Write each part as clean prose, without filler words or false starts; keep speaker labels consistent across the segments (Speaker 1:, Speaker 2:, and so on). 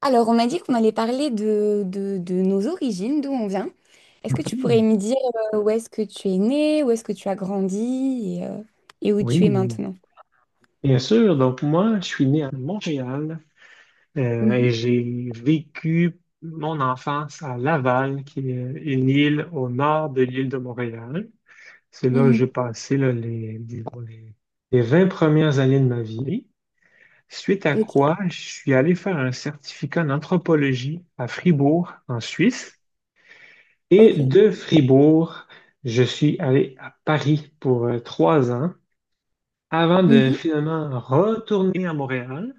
Speaker 1: Alors, on m'a dit qu'on allait parler de nos origines, d'où on vient. Est-ce que tu
Speaker 2: Hmm,
Speaker 1: pourrais me dire où est-ce que tu es né, où est-ce que tu as grandi et où
Speaker 2: oui,
Speaker 1: tu es maintenant?
Speaker 2: bien sûr. Donc moi, je suis né à Montréal, et
Speaker 1: Mhm,
Speaker 2: j'ai vécu mon enfance à Laval, qui est une île au nord de l'île de Montréal. C'est là que
Speaker 1: mhm.
Speaker 2: j'ai passé là, les, disons, les 20 premières années de ma vie. Suite à
Speaker 1: Ok,
Speaker 2: quoi, je suis allé faire un certificat en anthropologie à Fribourg, en Suisse. Et
Speaker 1: ok,
Speaker 2: de Fribourg, je suis allé à Paris pour trois ans avant de
Speaker 1: mhm,
Speaker 2: finalement retourner à Montréal.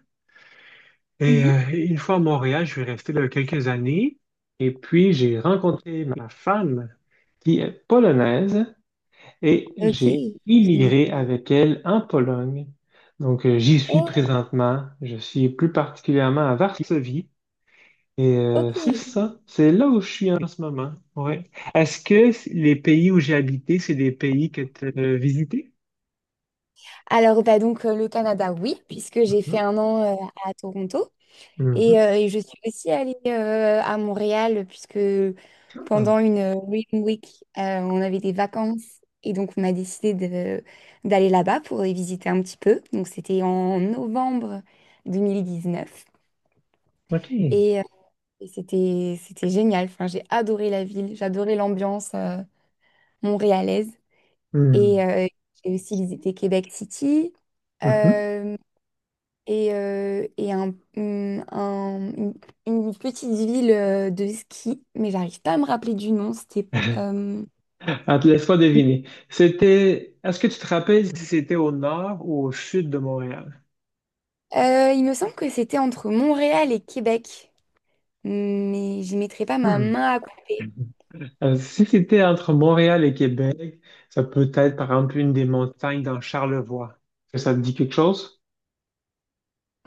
Speaker 2: Et
Speaker 1: mhm,
Speaker 2: euh, une fois à Montréal, je suis resté là quelques années. Et puis, j'ai rencontré ma femme qui est polonaise et
Speaker 1: ok.
Speaker 2: j'ai
Speaker 1: C'est ouais, bon.
Speaker 2: immigré avec elle en Pologne. Donc, j'y suis
Speaker 1: Oh,
Speaker 2: présentement. Je suis plus particulièrement à Varsovie. C'est
Speaker 1: ok.
Speaker 2: ça, c'est là où je suis en ce moment. Ouais. Est-ce que les pays où j'ai habité, c'est des pays que tu as visités?
Speaker 1: Alors, le Canada, oui, puisque j'ai fait
Speaker 2: Mhm.
Speaker 1: un an à Toronto.
Speaker 2: Mhm.
Speaker 1: Et je suis aussi allée à Montréal puisque
Speaker 2: Ah,
Speaker 1: pendant une Reading Week, on avait des vacances et donc on a décidé de- d'aller là-bas pour y visiter un petit peu. Donc c'était en novembre 2019
Speaker 2: OK.
Speaker 1: et, euh, et c'était génial. Enfin, j'ai adoré la ville, j'adorais l'ambiance montréalaise et
Speaker 2: Mhm.
Speaker 1: j'ai aussi visité Québec City.
Speaker 2: Mhm.
Speaker 1: Euh, et, et une petite ville de ski, mais j'arrive pas à me rappeler du nom. Euh,
Speaker 2: Ah, te laisse pas deviner. C'était. Est-ce que tu te rappelles si c'était au nord ou au sud de Montréal?
Speaker 1: il me semble que c'était entre Montréal et Québec, mais j'y mettrai pas ma
Speaker 2: Hmm.
Speaker 1: main à couper.
Speaker 2: Si c'était entre Montréal et Québec, ça peut être par exemple une des montagnes dans Charlevoix. Est-ce que ça te dit quelque chose?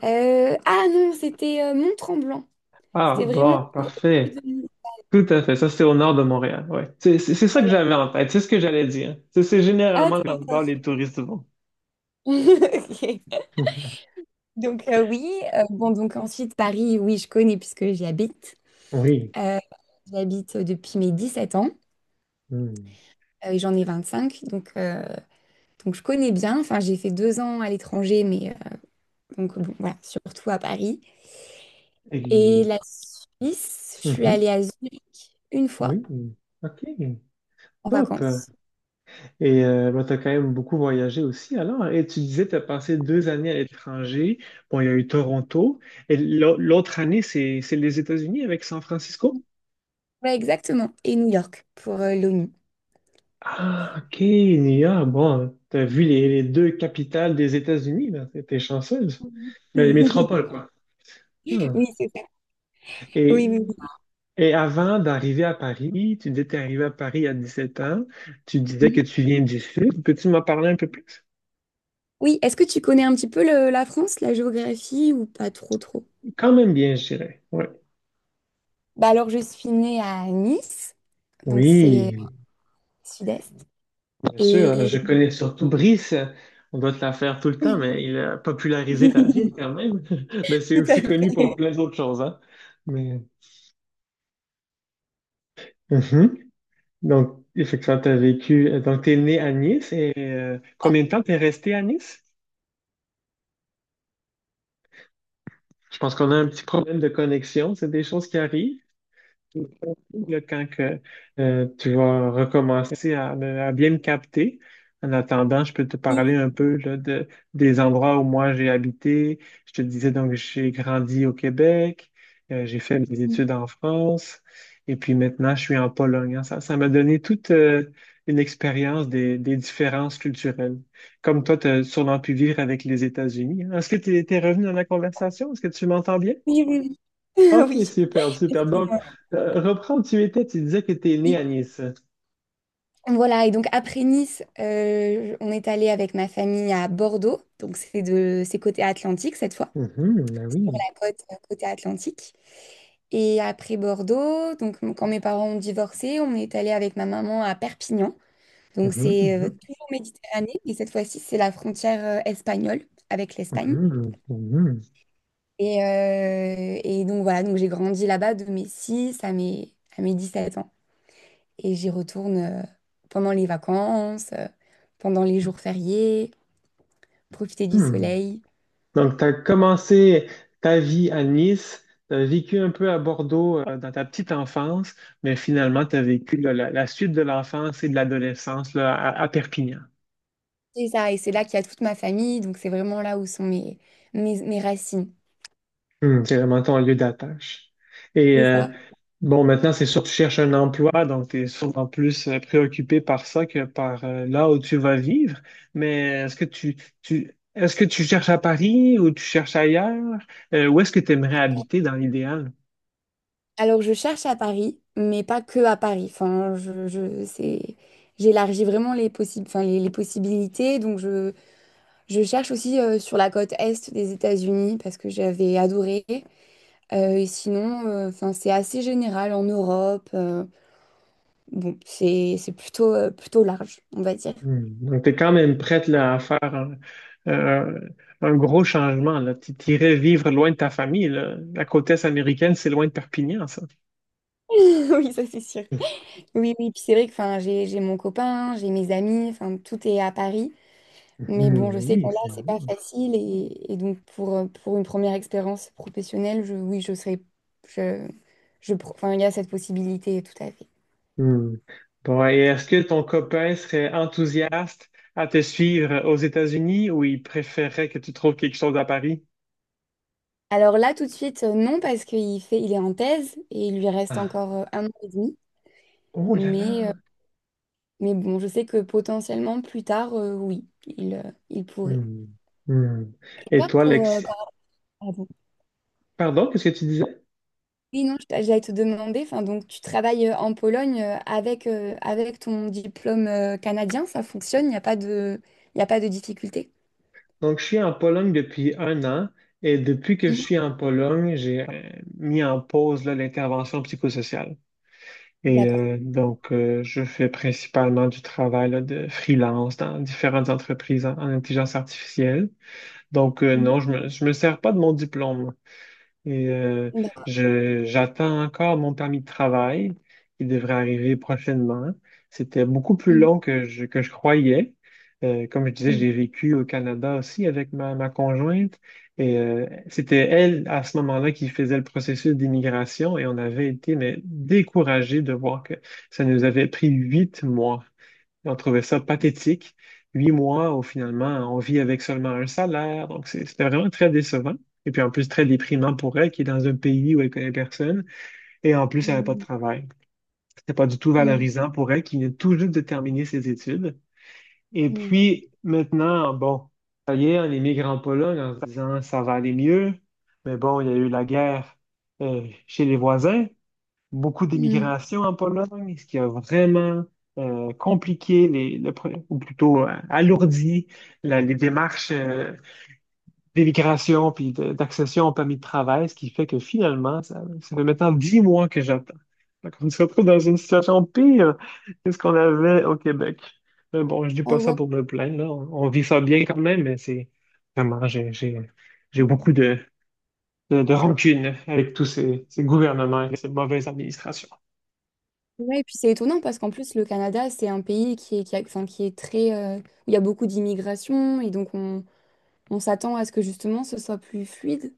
Speaker 1: Ah non, c'était Mont-Tremblant.
Speaker 2: Ah,
Speaker 1: C'était vraiment
Speaker 2: bon,
Speaker 1: au sud de
Speaker 2: parfait.
Speaker 1: l'île.
Speaker 2: Tout à fait. Ça, c'est au nord de Montréal. Ouais. C'est ça que
Speaker 1: Voilà.
Speaker 2: j'avais en tête. C'est ce que j'allais dire. C'est
Speaker 1: Ah,
Speaker 2: généralement l'endroit où les touristes vont.
Speaker 1: ok. Oui, bon donc ensuite Paris, oui je connais puisque j'y habite.
Speaker 2: Mhm. Oui.
Speaker 1: Euh, J'y habite depuis mes 17 ans
Speaker 2: Hmm.
Speaker 1: et j'en ai 25 donc je connais bien, enfin j'ai fait deux ans à l'étranger, donc bon, voilà, surtout à Paris. Et
Speaker 2: Et-
Speaker 1: la Suisse, je suis
Speaker 2: Mhm.
Speaker 1: allée à Zurich une fois
Speaker 2: Oui. OK.
Speaker 1: en
Speaker 2: Top.
Speaker 1: vacances.
Speaker 2: Et tu as quand même beaucoup voyagé aussi alors. Et tu disais, tu as passé deux années à l'étranger. Bon, il y a eu Toronto. Et l'autre année, c'est les États-Unis avec San Francisco?
Speaker 1: Ouais, exactement. Et New York pour l'ONU.
Speaker 2: Ah, ok, New York. Bon, tu as vu les deux capitales des États-Unis, là. T'es chanceuse.
Speaker 1: Mhm.
Speaker 2: Mais les métropoles, quoi. Ah.
Speaker 1: Oui, c'est ça. Oui,
Speaker 2: Et,
Speaker 1: oui, oui.
Speaker 2: et avant d'arriver à Paris, tu disais que tu es arrivé à Paris à 17 ans. Tu disais que
Speaker 1: Mhm.
Speaker 2: tu viens du Sud. Peux-tu m'en parler un peu plus?
Speaker 1: Oui, est-ce que tu connais un petit peu la France, la géographie ou pas trop trop?
Speaker 2: Quand même bien, je dirais. Ouais.
Speaker 1: Bah alors je suis née à Nice, donc c'est
Speaker 2: Oui.
Speaker 1: sud-est.
Speaker 2: Bien sûr, hein,
Speaker 1: Et
Speaker 2: je connais surtout Brice. On doit te la faire tout le temps, mais il a popularisé ta ville quand même. Mais c'est
Speaker 1: tout à
Speaker 2: aussi connu pour
Speaker 1: fait.
Speaker 2: plein d'autres choses, hein. Mais... Mhm. Donc, effectivement, tu as vécu. Donc, tu es né à Nice et combien de temps tu es resté à Nice? Je pense qu'on a un petit problème de connexion. C'est des choses qui arrivent. Là, tu vas recommencer à, à bien me capter. En attendant, je peux te
Speaker 1: Oui,
Speaker 2: parler un peu là, de, des endroits où moi j'ai habité. Je te disais donc j'ai grandi au Québec, j'ai fait mes études en France, et puis maintenant je suis en Pologne, hein. Ça m'a donné toute une expérience des différences culturelles. Comme toi, tu as sûrement pu vivre avec les États-Unis, hein. Est-ce que tu es revenu dans la conversation? Est-ce que tu m'entends bien?
Speaker 1: oui, oui.
Speaker 2: Ok,
Speaker 1: Oui.
Speaker 2: super, super. Donc,
Speaker 1: Excuse-moi.
Speaker 2: reprends où tu étais, tu disais que tu es né à Nice.
Speaker 1: Voilà, et donc après Nice, on est allé avec ma famille à Bordeaux, donc c'est côté Atlantique cette fois,
Speaker 2: Mhm, ben
Speaker 1: sur
Speaker 2: oui.
Speaker 1: la côte côté Atlantique. Et après Bordeaux, donc quand mes parents ont divorcé, on est allé avec ma maman à Perpignan, donc
Speaker 2: Mhm,
Speaker 1: c'est
Speaker 2: mhm,
Speaker 1: toujours Méditerranée, et cette fois-ci c'est la frontière espagnole avec l'Espagne.
Speaker 2: mhm, mhm,
Speaker 1: Et donc voilà, donc j'ai grandi là-bas de mes 6 à mes 17 ans, et j'y retourne pendant les vacances, pendant les jours fériés, profiter du
Speaker 2: mhm.
Speaker 1: soleil.
Speaker 2: Donc, tu as commencé ta vie à Nice, tu as vécu un peu à Bordeaux dans ta petite enfance, mais finalement, tu as vécu là, la suite de l'enfance et de l'adolescence là, à Perpignan.
Speaker 1: C'est ça, et c'est là qu'il y a toute ma famille, donc c'est vraiment là où sont mes racines.
Speaker 2: Hmm, c'est vraiment ton lieu d'attache. Et
Speaker 1: C'est
Speaker 2: euh,
Speaker 1: ça.
Speaker 2: bon, maintenant, c'est sûr que tu cherches un emploi, donc tu es sûrement plus préoccupé par ça que par là où tu vas vivre. Mais est-ce que tu, est-ce que tu cherches à Paris ou tu cherches ailleurs? Où est-ce que tu aimerais habiter dans l'idéal?
Speaker 1: Alors je cherche à Paris, mais pas que à Paris. Enfin, c'est, j'élargis vraiment les possibles, enfin, les possibilités. Je cherche aussi sur la côte est des États-Unis parce que j'avais adoré. Et sinon, enfin, c'est assez général en Europe. C'est plutôt, plutôt large, on va dire.
Speaker 2: Hmm, donc, tu es quand même prête là, à faire euh, un gros changement, là. Tu irais vivre loin de ta famille, là. La côte est américaine, c'est loin de Perpignan, ça.
Speaker 1: Oui, ça c'est sûr. Oui, oui, puis c'est vrai que enfin, j'ai mon copain, j'ai mes amis, enfin, tout est à Paris. Mais
Speaker 2: Mhm,
Speaker 1: bon, je sais que
Speaker 2: oui.
Speaker 1: là, c'est pas facile. Et donc, pour une première expérience professionnelle, oui, je serais. Je, enfin, il y a cette possibilité, tout à fait.
Speaker 2: Hmm. Bon, et est-ce que ton copain serait enthousiaste à te suivre aux États-Unis ou il préférerait que tu trouves quelque chose à Paris?
Speaker 1: Alors là, tout de suite, non, parce il est en thèse et il lui reste
Speaker 2: Ah.
Speaker 1: encore un an et demi.
Speaker 2: Oh là là.
Speaker 1: Mais, euh, mais bon, je sais que potentiellement, plus tard, oui, il pourrait.
Speaker 2: Hmm. Hmm.
Speaker 1: Et
Speaker 2: Et
Speaker 1: toi,
Speaker 2: toi, Lex...
Speaker 1: pardon.
Speaker 2: Pardon, qu'est-ce que tu disais?
Speaker 1: Oui, non, j'allais te demander, enfin, donc tu travailles en Pologne avec, avec ton diplôme canadien, ça fonctionne, il n'y a pas de difficulté.
Speaker 2: Donc, je suis en Pologne depuis un an et depuis que je
Speaker 1: Mhm.
Speaker 2: suis en Pologne, j'ai mis en pause là, l'intervention psychosociale. Et
Speaker 1: D'accord.
Speaker 2: je fais principalement du travail là, de freelance dans différentes entreprises en intelligence artificielle. Donc,
Speaker 1: Mhm.
Speaker 2: non, je me sers pas de mon diplôme. Et euh,
Speaker 1: D'accord.
Speaker 2: j'attends encore mon permis de travail qui devrait arriver prochainement. C'était beaucoup plus
Speaker 1: Mhm.
Speaker 2: long que que je croyais. Comme je disais,
Speaker 1: Mhm.
Speaker 2: j'ai vécu au Canada aussi avec ma conjointe. Et c'était elle, à ce moment-là, qui faisait le processus d'immigration. Et on avait été mais, découragés de voir que ça nous avait pris 8 mois. On trouvait ça pathétique. 8 mois où finalement on vit avec seulement un salaire. C'était vraiment très décevant. Et puis en plus très déprimant pour elle qui est dans un pays où elle connaît personne. Et en plus elle n'avait pas de
Speaker 1: Mhm.
Speaker 2: travail. C'était pas du tout valorisant pour elle qui vient tout juste de terminer ses études. Et
Speaker 1: Mhm.
Speaker 2: puis maintenant, bon, ça y est, on émigre en Pologne en se disant ça va aller mieux. Mais bon, il y a eu la guerre chez les voisins, beaucoup
Speaker 1: Mhm.
Speaker 2: d'immigration en Pologne, ce qui a vraiment compliqué les, ou plutôt alourdi les démarches d'immigration puis d'accession au permis de travail, ce qui fait que finalement, ça fait maintenant 10 mois que j'attends. Donc, on se retrouve dans une situation pire que ce qu'on avait au Québec. Mais bon, je dis
Speaker 1: Oh,
Speaker 2: pas ça
Speaker 1: ouais.
Speaker 2: pour me plaindre, là. On vit ça bien quand même, mais c'est vraiment, j'ai beaucoup de, de rancune avec tous ces, ces gouvernements et ces mauvaises administrations.
Speaker 1: Ouais, et puis c'est étonnant parce qu'en plus, le Canada, c'est un pays qui est, qui a- enfin, qui est très, où il y a beaucoup d'immigration et on s'attend à ce que justement ce soit plus fluide,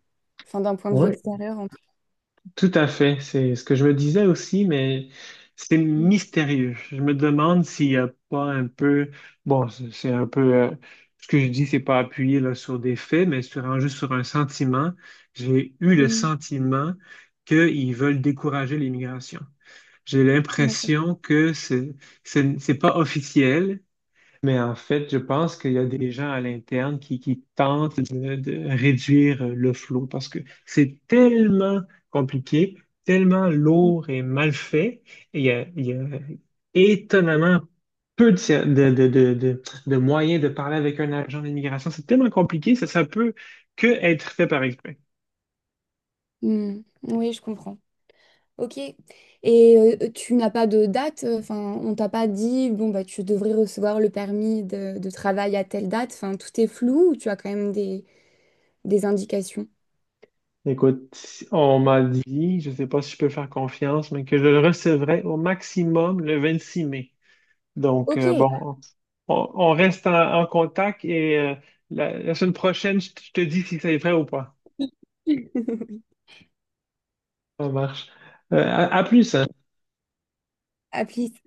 Speaker 1: enfin, d'un point de vue
Speaker 2: Oui,
Speaker 1: extérieur en tout cas.
Speaker 2: tout à fait. C'est ce que je me disais aussi, mais c'est
Speaker 1: Mhm.
Speaker 2: mystérieux. Je me demande s'il n'y a pas un peu, bon, c'est un peu, ce que je dis, c'est pas appuyé là, sur des faits, mais c'est vraiment juste sur un sentiment. J'ai eu le
Speaker 1: Mhm.
Speaker 2: sentiment qu'ils veulent décourager l'immigration. J'ai
Speaker 1: D'accord.
Speaker 2: l'impression que c'est pas officiel, mais en fait, je pense qu'il y a des gens à l'interne qui tentent de réduire le flot parce que c'est tellement compliqué, tellement lourd et mal fait, et il y a étonnamment peu de, de moyens de parler avec un agent d'immigration. C'est tellement compliqué, ça peut que être fait par exprès.
Speaker 1: Hmm, oui, je comprends. Ok. Et tu n'as pas de date, enfin, on t'a pas dit, bon, bah, tu devrais recevoir le permis de travail à telle date, enfin, tout est flou ou tu as quand même des indications?
Speaker 2: Écoute, on m'a dit, je ne sais pas si je peux faire confiance, mais que je le recevrai au maximum le 26 mai. Donc,
Speaker 1: Ok.
Speaker 2: bon, on reste en, en contact et la, la semaine prochaine, je te dis si c'est vrai ou pas. Ça marche. À plus, hein.
Speaker 1: applique